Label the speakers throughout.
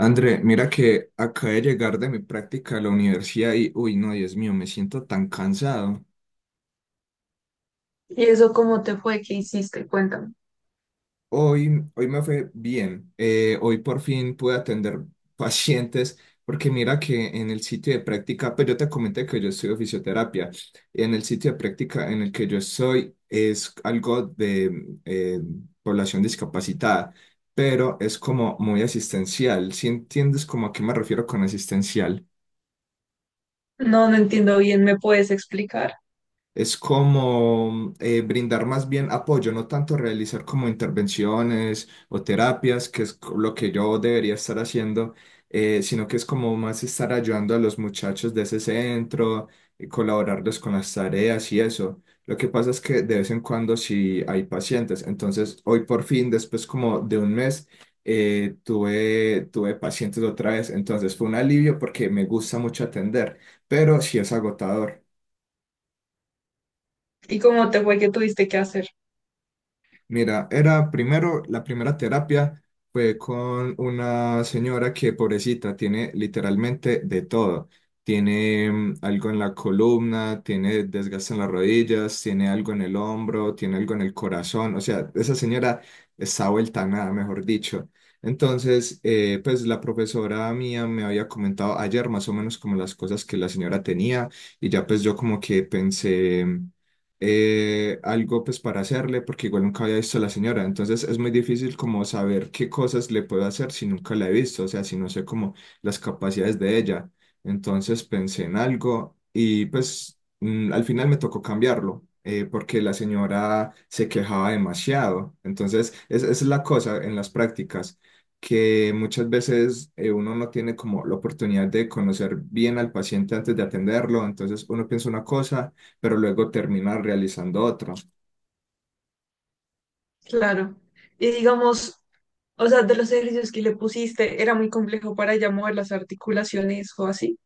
Speaker 1: André, mira que acabé de llegar de mi práctica a la universidad y, uy, no, Dios mío, me siento tan cansado.
Speaker 2: ¿Y eso cómo te fue? ¿Qué hiciste? Cuéntame.
Speaker 1: Hoy me fue bien. Hoy por fin pude atender pacientes, porque mira que en el sitio de práctica, pues yo te comenté que yo estudio fisioterapia. En el sitio de práctica en el que yo estoy es algo de población discapacitada, pero es como muy asistencial. ¿Si entiendes como a qué me refiero con asistencial?
Speaker 2: No, no entiendo bien, ¿me puedes explicar?
Speaker 1: Es como brindar más bien apoyo, no tanto realizar como intervenciones o terapias, que es lo que yo debería estar haciendo, sino que es como más estar ayudando a los muchachos de ese centro, y colaborarles con las tareas y eso. Lo que pasa es que de vez en cuando sí hay pacientes. Entonces, hoy por fin, después como de un mes, tuve pacientes otra vez. Entonces, fue un alivio porque me gusta mucho atender, pero sí es agotador.
Speaker 2: ¿Y cómo te fue que tuviste que hacer?
Speaker 1: Mira, era primero, la primera terapia fue con una señora que, pobrecita, tiene literalmente de todo. Tiene algo en la columna, tiene desgaste en las rodillas, tiene algo en el hombro, tiene algo en el corazón. O sea, esa señora está vuelta a nada, mejor dicho. Entonces, pues la profesora mía me había comentado ayer más o menos como las cosas que la señora tenía y ya pues yo como que pensé algo pues para hacerle, porque igual nunca había visto a la señora, entonces es muy difícil como saber qué cosas le puedo hacer si nunca la he visto, o sea, si no sé como las capacidades de ella. Entonces pensé en algo y pues al final me tocó cambiarlo. Porque la señora se quejaba demasiado. Entonces, esa es la cosa en las prácticas, que muchas veces uno no tiene como la oportunidad de conocer bien al paciente antes de atenderlo. Entonces, uno piensa una cosa pero luego termina realizando otra.
Speaker 2: Claro. Y digamos, o sea, de los ejercicios que le pusiste, ¿era muy complejo para ya mover las articulaciones o así?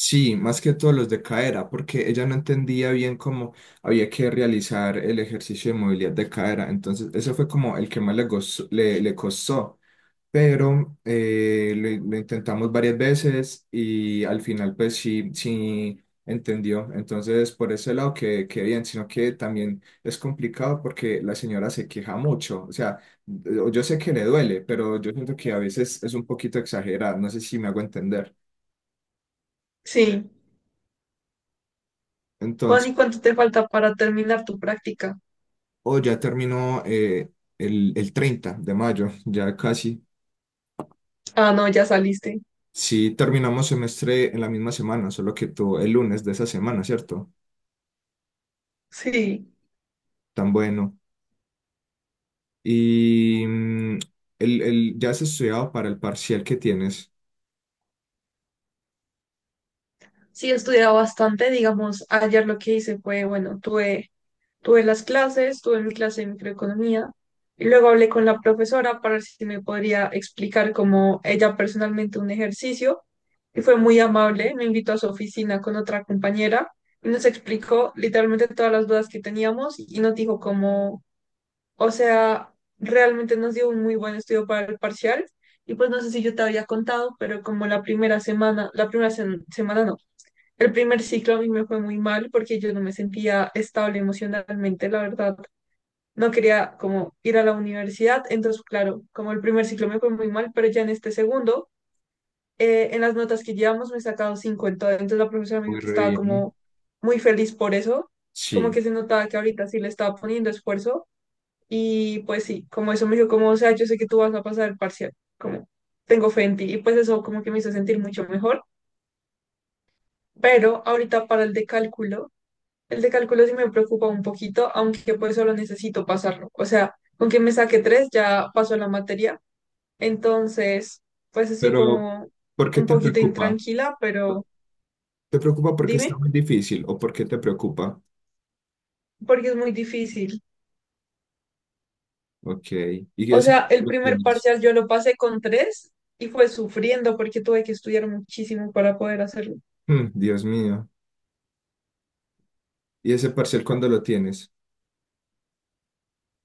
Speaker 1: Sí, más que todo los de cadera, porque ella no entendía bien cómo había que realizar el ejercicio de movilidad de cadera. Entonces, ese fue como el que más le, le, le costó. Pero lo intentamos varias veces y al final pues sí, sí entendió. Entonces por ese lado que bien, sino que también es complicado porque la señora se queja mucho. O sea, yo sé que le duele, pero yo siento que a veces es un poquito exagerada. No sé si me hago entender.
Speaker 2: Sí. Juan,
Speaker 1: Entonces,
Speaker 2: ¿y cuánto te falta para terminar tu práctica?
Speaker 1: o ya terminó el 30 de mayo, ya casi.
Speaker 2: Ah, no, ya saliste.
Speaker 1: Sí, terminamos semestre en la misma semana, solo que tú el lunes de esa semana, ¿cierto?
Speaker 2: Sí.
Speaker 1: Tan bueno. Y ya has estudiado para el parcial que tienes.
Speaker 2: Sí, he estudiado bastante, digamos, ayer lo que hice fue, bueno, tuve. Tuve las clases, tuve mi clase de microeconomía y luego hablé con la profesora para ver si me podría explicar como ella personalmente un ejercicio y fue muy amable, me invitó a su oficina con otra compañera y nos explicó literalmente todas las dudas que teníamos y nos dijo como, o sea, realmente nos dio un muy buen estudio para el parcial y pues no sé si yo te había contado, pero como la primera semana, semana no, el primer ciclo a mí me fue muy mal porque yo no me sentía estable emocionalmente, la verdad. No quería como ir a la universidad, entonces claro, como el primer ciclo me fue muy mal, pero ya en este segundo, en las notas que llevamos me he sacado 5, en entonces la profesora me dijo
Speaker 1: Muy
Speaker 2: que
Speaker 1: re
Speaker 2: estaba
Speaker 1: bien.
Speaker 2: como muy feliz por eso, como
Speaker 1: Sí,
Speaker 2: que se notaba que ahorita sí le estaba poniendo esfuerzo y pues sí, como eso me dijo como, o sea, yo sé que tú vas a pasar el parcial, como tengo fe en ti y pues eso como que me hizo sentir mucho mejor, pero ahorita para el de cálculo. El de cálculo sí me preocupa un poquito, aunque pues solo necesito pasarlo. O sea, con que me saque tres ya paso la materia. Entonces, pues así
Speaker 1: pero
Speaker 2: como
Speaker 1: ¿por qué
Speaker 2: un
Speaker 1: te
Speaker 2: poquito
Speaker 1: preocupa?
Speaker 2: intranquila, pero
Speaker 1: ¿Te preocupa porque está
Speaker 2: dime,
Speaker 1: muy difícil o por qué te preocupa?
Speaker 2: porque es muy difícil.
Speaker 1: Ok. ¿Y
Speaker 2: O
Speaker 1: ese
Speaker 2: sea, el
Speaker 1: cuándo lo
Speaker 2: primer
Speaker 1: tienes?
Speaker 2: parcial yo lo pasé con tres y fue sufriendo porque tuve que estudiar muchísimo para poder hacerlo.
Speaker 1: Mm, Dios mío. ¿Y ese parcial cuándo lo tienes?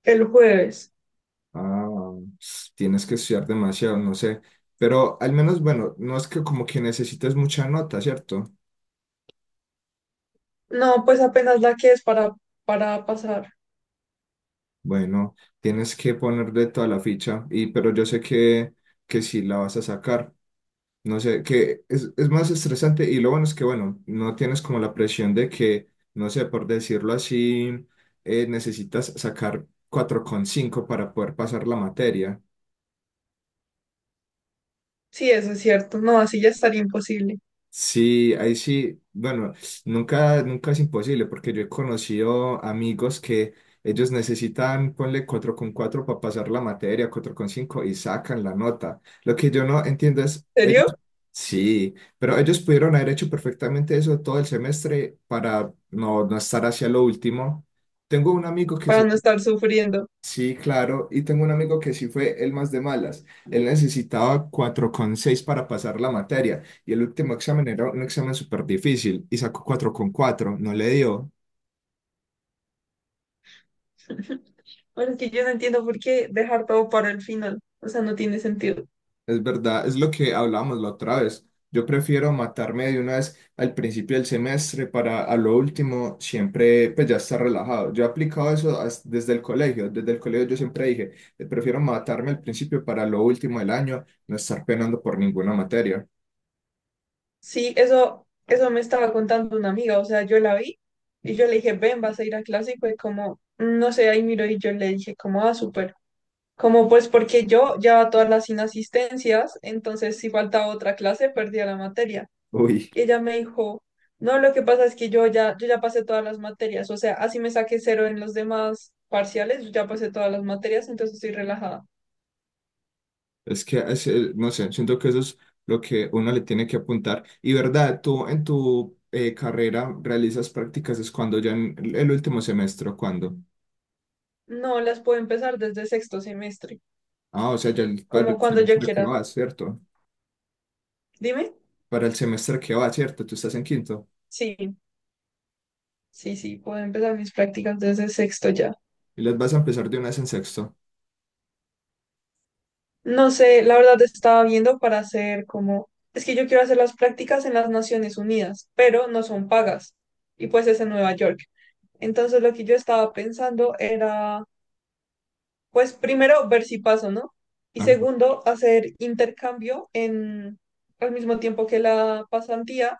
Speaker 2: El jueves.
Speaker 1: Ah, tienes que estudiar demasiado, no sé. Pero al menos, bueno, no es que como que necesites mucha nota, ¿cierto?
Speaker 2: No, pues apenas la que es para pasar.
Speaker 1: Bueno, tienes que ponerle toda la ficha, pero yo sé que sí la vas a sacar. No sé, es más estresante y lo bueno es que, bueno, no tienes como la presión de que, no sé, por decirlo así, necesitas sacar 4,5 para poder pasar la materia.
Speaker 2: Sí, eso es cierto. No, así ya estaría imposible.
Speaker 1: Sí, ahí sí, bueno, nunca es imposible porque yo he conocido amigos que ellos necesitan, ponle 4,4 para pasar la materia, 4,5 y sacan la nota. Lo que yo no entiendo
Speaker 2: ¿En
Speaker 1: es, ellos,
Speaker 2: serio?
Speaker 1: sí, pero ellos pudieron haber hecho perfectamente eso todo el semestre para no estar hacia lo último. Tengo un amigo que
Speaker 2: Para
Speaker 1: sí.
Speaker 2: no estar sufriendo.
Speaker 1: Sí, claro, y tengo un amigo que sí fue el más de malas. Él necesitaba 4,6 para pasar la materia y el último examen era un examen súper difícil y sacó 4,4. No le dio.
Speaker 2: Bueno, es que yo no entiendo por qué dejar todo para el final. O sea, no tiene sentido.
Speaker 1: Es verdad, es lo que hablábamos la otra vez. Yo prefiero matarme de una vez al principio del semestre para a lo último siempre pues ya estar relajado. Yo he aplicado eso desde el colegio. Desde el colegio yo siempre dije, prefiero matarme al principio para lo último del año, no estar penando por ninguna materia.
Speaker 2: Sí, eso me estaba contando una amiga. O sea, yo la vi y yo le dije, ven, vas a ir a clase. Y fue como, "Mm, no sé, ahí miro", y yo le dije, como, ah, súper. Como, pues, porque yo llevaba todas las inasistencias, entonces si faltaba otra clase, perdía la materia.
Speaker 1: Uy.
Speaker 2: Y ella me dijo, no, lo que pasa es que yo ya, yo ya pasé todas las materias. O sea, así me saqué cero en los demás parciales, yo ya pasé todas las materias, entonces estoy relajada.
Speaker 1: Es que, no sé, siento que eso es lo que uno le tiene que apuntar. Y verdad, tú en tu carrera realizas prácticas, es cuando ya en el último semestre, ¿o cuándo?
Speaker 2: No, las puedo empezar desde sexto semestre,
Speaker 1: Ah, o sea, ya para
Speaker 2: como
Speaker 1: el
Speaker 2: cuando yo
Speaker 1: semestre que
Speaker 2: quiera.
Speaker 1: va, ¿cierto?
Speaker 2: Dime.
Speaker 1: Para el semestre que va, ¿cierto? Tú estás en quinto
Speaker 2: Sí, sí, sí, puedo empezar mis prácticas desde sexto ya.
Speaker 1: y las vas a empezar de una vez en sexto.
Speaker 2: No sé, la verdad estaba viendo para hacer como... Es que yo quiero hacer las prácticas en las Naciones Unidas, pero no son pagas. Y pues es en Nueva York. Entonces lo que yo estaba pensando era, pues primero, ver si paso, ¿no? Y
Speaker 1: Ajá.
Speaker 2: segundo, hacer intercambio en, al mismo tiempo que la pasantía,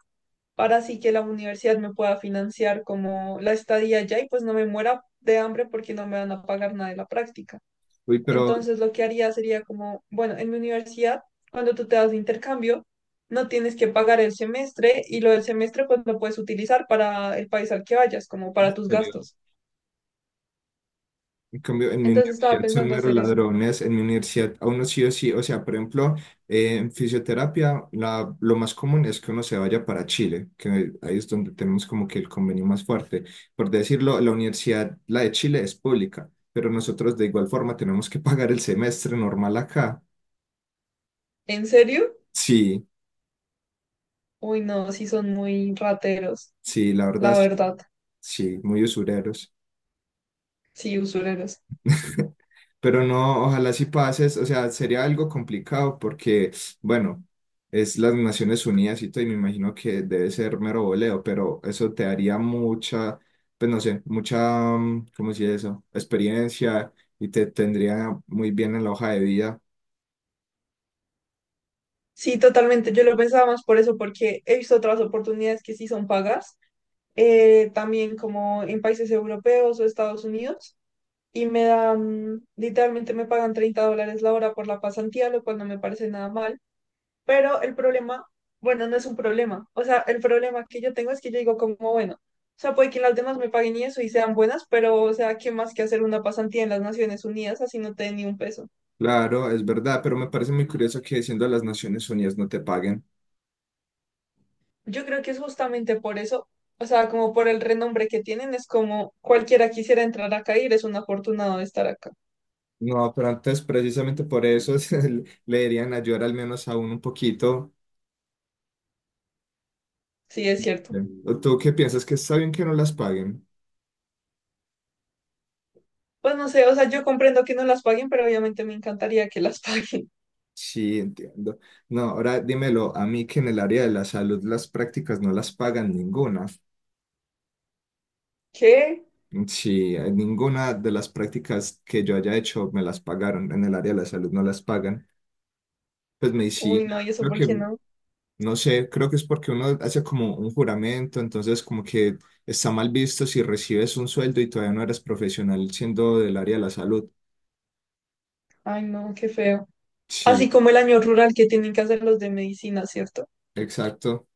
Speaker 2: para así que la universidad me pueda financiar como la estadía allá y pues no me muera de hambre porque no me van a pagar nada de la práctica.
Speaker 1: Uy, pero
Speaker 2: Entonces lo que haría sería como, bueno, en mi universidad, cuando tú te das de intercambio, no tienes que pagar el semestre y lo del semestre pues lo puedes utilizar para el país al que vayas, como
Speaker 1: en
Speaker 2: para tus
Speaker 1: serio,
Speaker 2: gastos.
Speaker 1: en cambio, en mi
Speaker 2: Entonces estaba
Speaker 1: universidad son
Speaker 2: pensando
Speaker 1: meros
Speaker 2: hacer eso.
Speaker 1: ladrones, en mi universidad a uno sí o sí, o sea, por ejemplo, en fisioterapia lo más común es que uno se vaya para Chile, que ahí es donde tenemos como que el convenio más fuerte. Por decirlo, la universidad, la de Chile es pública, pero nosotros de igual forma tenemos que pagar el semestre normal acá.
Speaker 2: ¿En serio?
Speaker 1: Sí,
Speaker 2: Uy, no, sí son muy rateros,
Speaker 1: sí, la verdad,
Speaker 2: la
Speaker 1: sí,
Speaker 2: verdad.
Speaker 1: sí, muy usureros.
Speaker 2: Sí, usureros.
Speaker 1: Pero no, ojalá si pases, o sea, sería algo complicado porque, bueno, es las Naciones Unidas y todo, y me imagino que debe ser mero voleo, pero eso te daría mucha, pues no sé, mucha, ¿cómo se dice eso? Experiencia y te tendría muy bien en la hoja de vida.
Speaker 2: Sí, totalmente. Yo lo pensaba más por eso, porque he visto otras oportunidades que sí son pagas, también como en países europeos o Estados Unidos, y me dan, literalmente me pagan $30 la hora por la pasantía, lo cual no me parece nada mal. Pero el problema, bueno, no es un problema. O sea, el problema que yo tengo es que yo digo como, bueno, o sea, puede que las demás me paguen y eso y sean buenas, pero, o sea, ¿qué más que hacer una pasantía en las Naciones Unidas así no te den ni un peso?
Speaker 1: Claro, es verdad, pero me parece muy curioso que siendo las Naciones Unidas no te paguen.
Speaker 2: Yo creo que es justamente por eso, o sea, como por el renombre que tienen, es como cualquiera quisiera entrar acá y eres un afortunado de estar acá.
Speaker 1: No, pero antes precisamente por eso le deberían ayudar al menos a uno un poquito.
Speaker 2: Sí, es cierto.
Speaker 1: ¿O ¿tú qué piensas que está bien que no las paguen?
Speaker 2: Pues no sé, o sea, yo comprendo que no las paguen, pero obviamente me encantaría que las paguen.
Speaker 1: Sí, entiendo. No, ahora dímelo a mí que en el área de la salud las prácticas no las pagan ninguna.
Speaker 2: ¿Qué?
Speaker 1: Sí, ninguna de las prácticas que yo haya hecho me las pagaron. En el área de la salud no las pagan. Pues
Speaker 2: Uy, no,
Speaker 1: medicina,
Speaker 2: ¿y eso
Speaker 1: creo
Speaker 2: por qué
Speaker 1: que,
Speaker 2: no?
Speaker 1: no sé, creo que es porque uno hace como un juramento, entonces como que está mal visto si recibes un sueldo y todavía no eres profesional siendo del área de la salud.
Speaker 2: Ay, no, qué feo. Así
Speaker 1: Sí,
Speaker 2: como el año rural que tienen que hacer los de medicina, ¿cierto?
Speaker 1: exacto.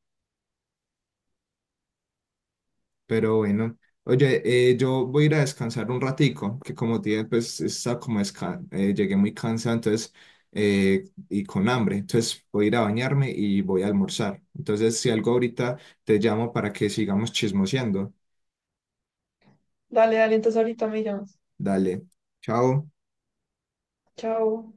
Speaker 1: Pero bueno, oye, yo voy a ir a descansar un ratico, que como te dije, pues está como llegué muy cansado, entonces, y con hambre, entonces voy a ir a bañarme y voy a almorzar. Entonces, si algo ahorita te llamo para que sigamos chismoseando.
Speaker 2: Dale, dale, entonces ahorita me llamas.
Speaker 1: Dale, chao.
Speaker 2: Chao.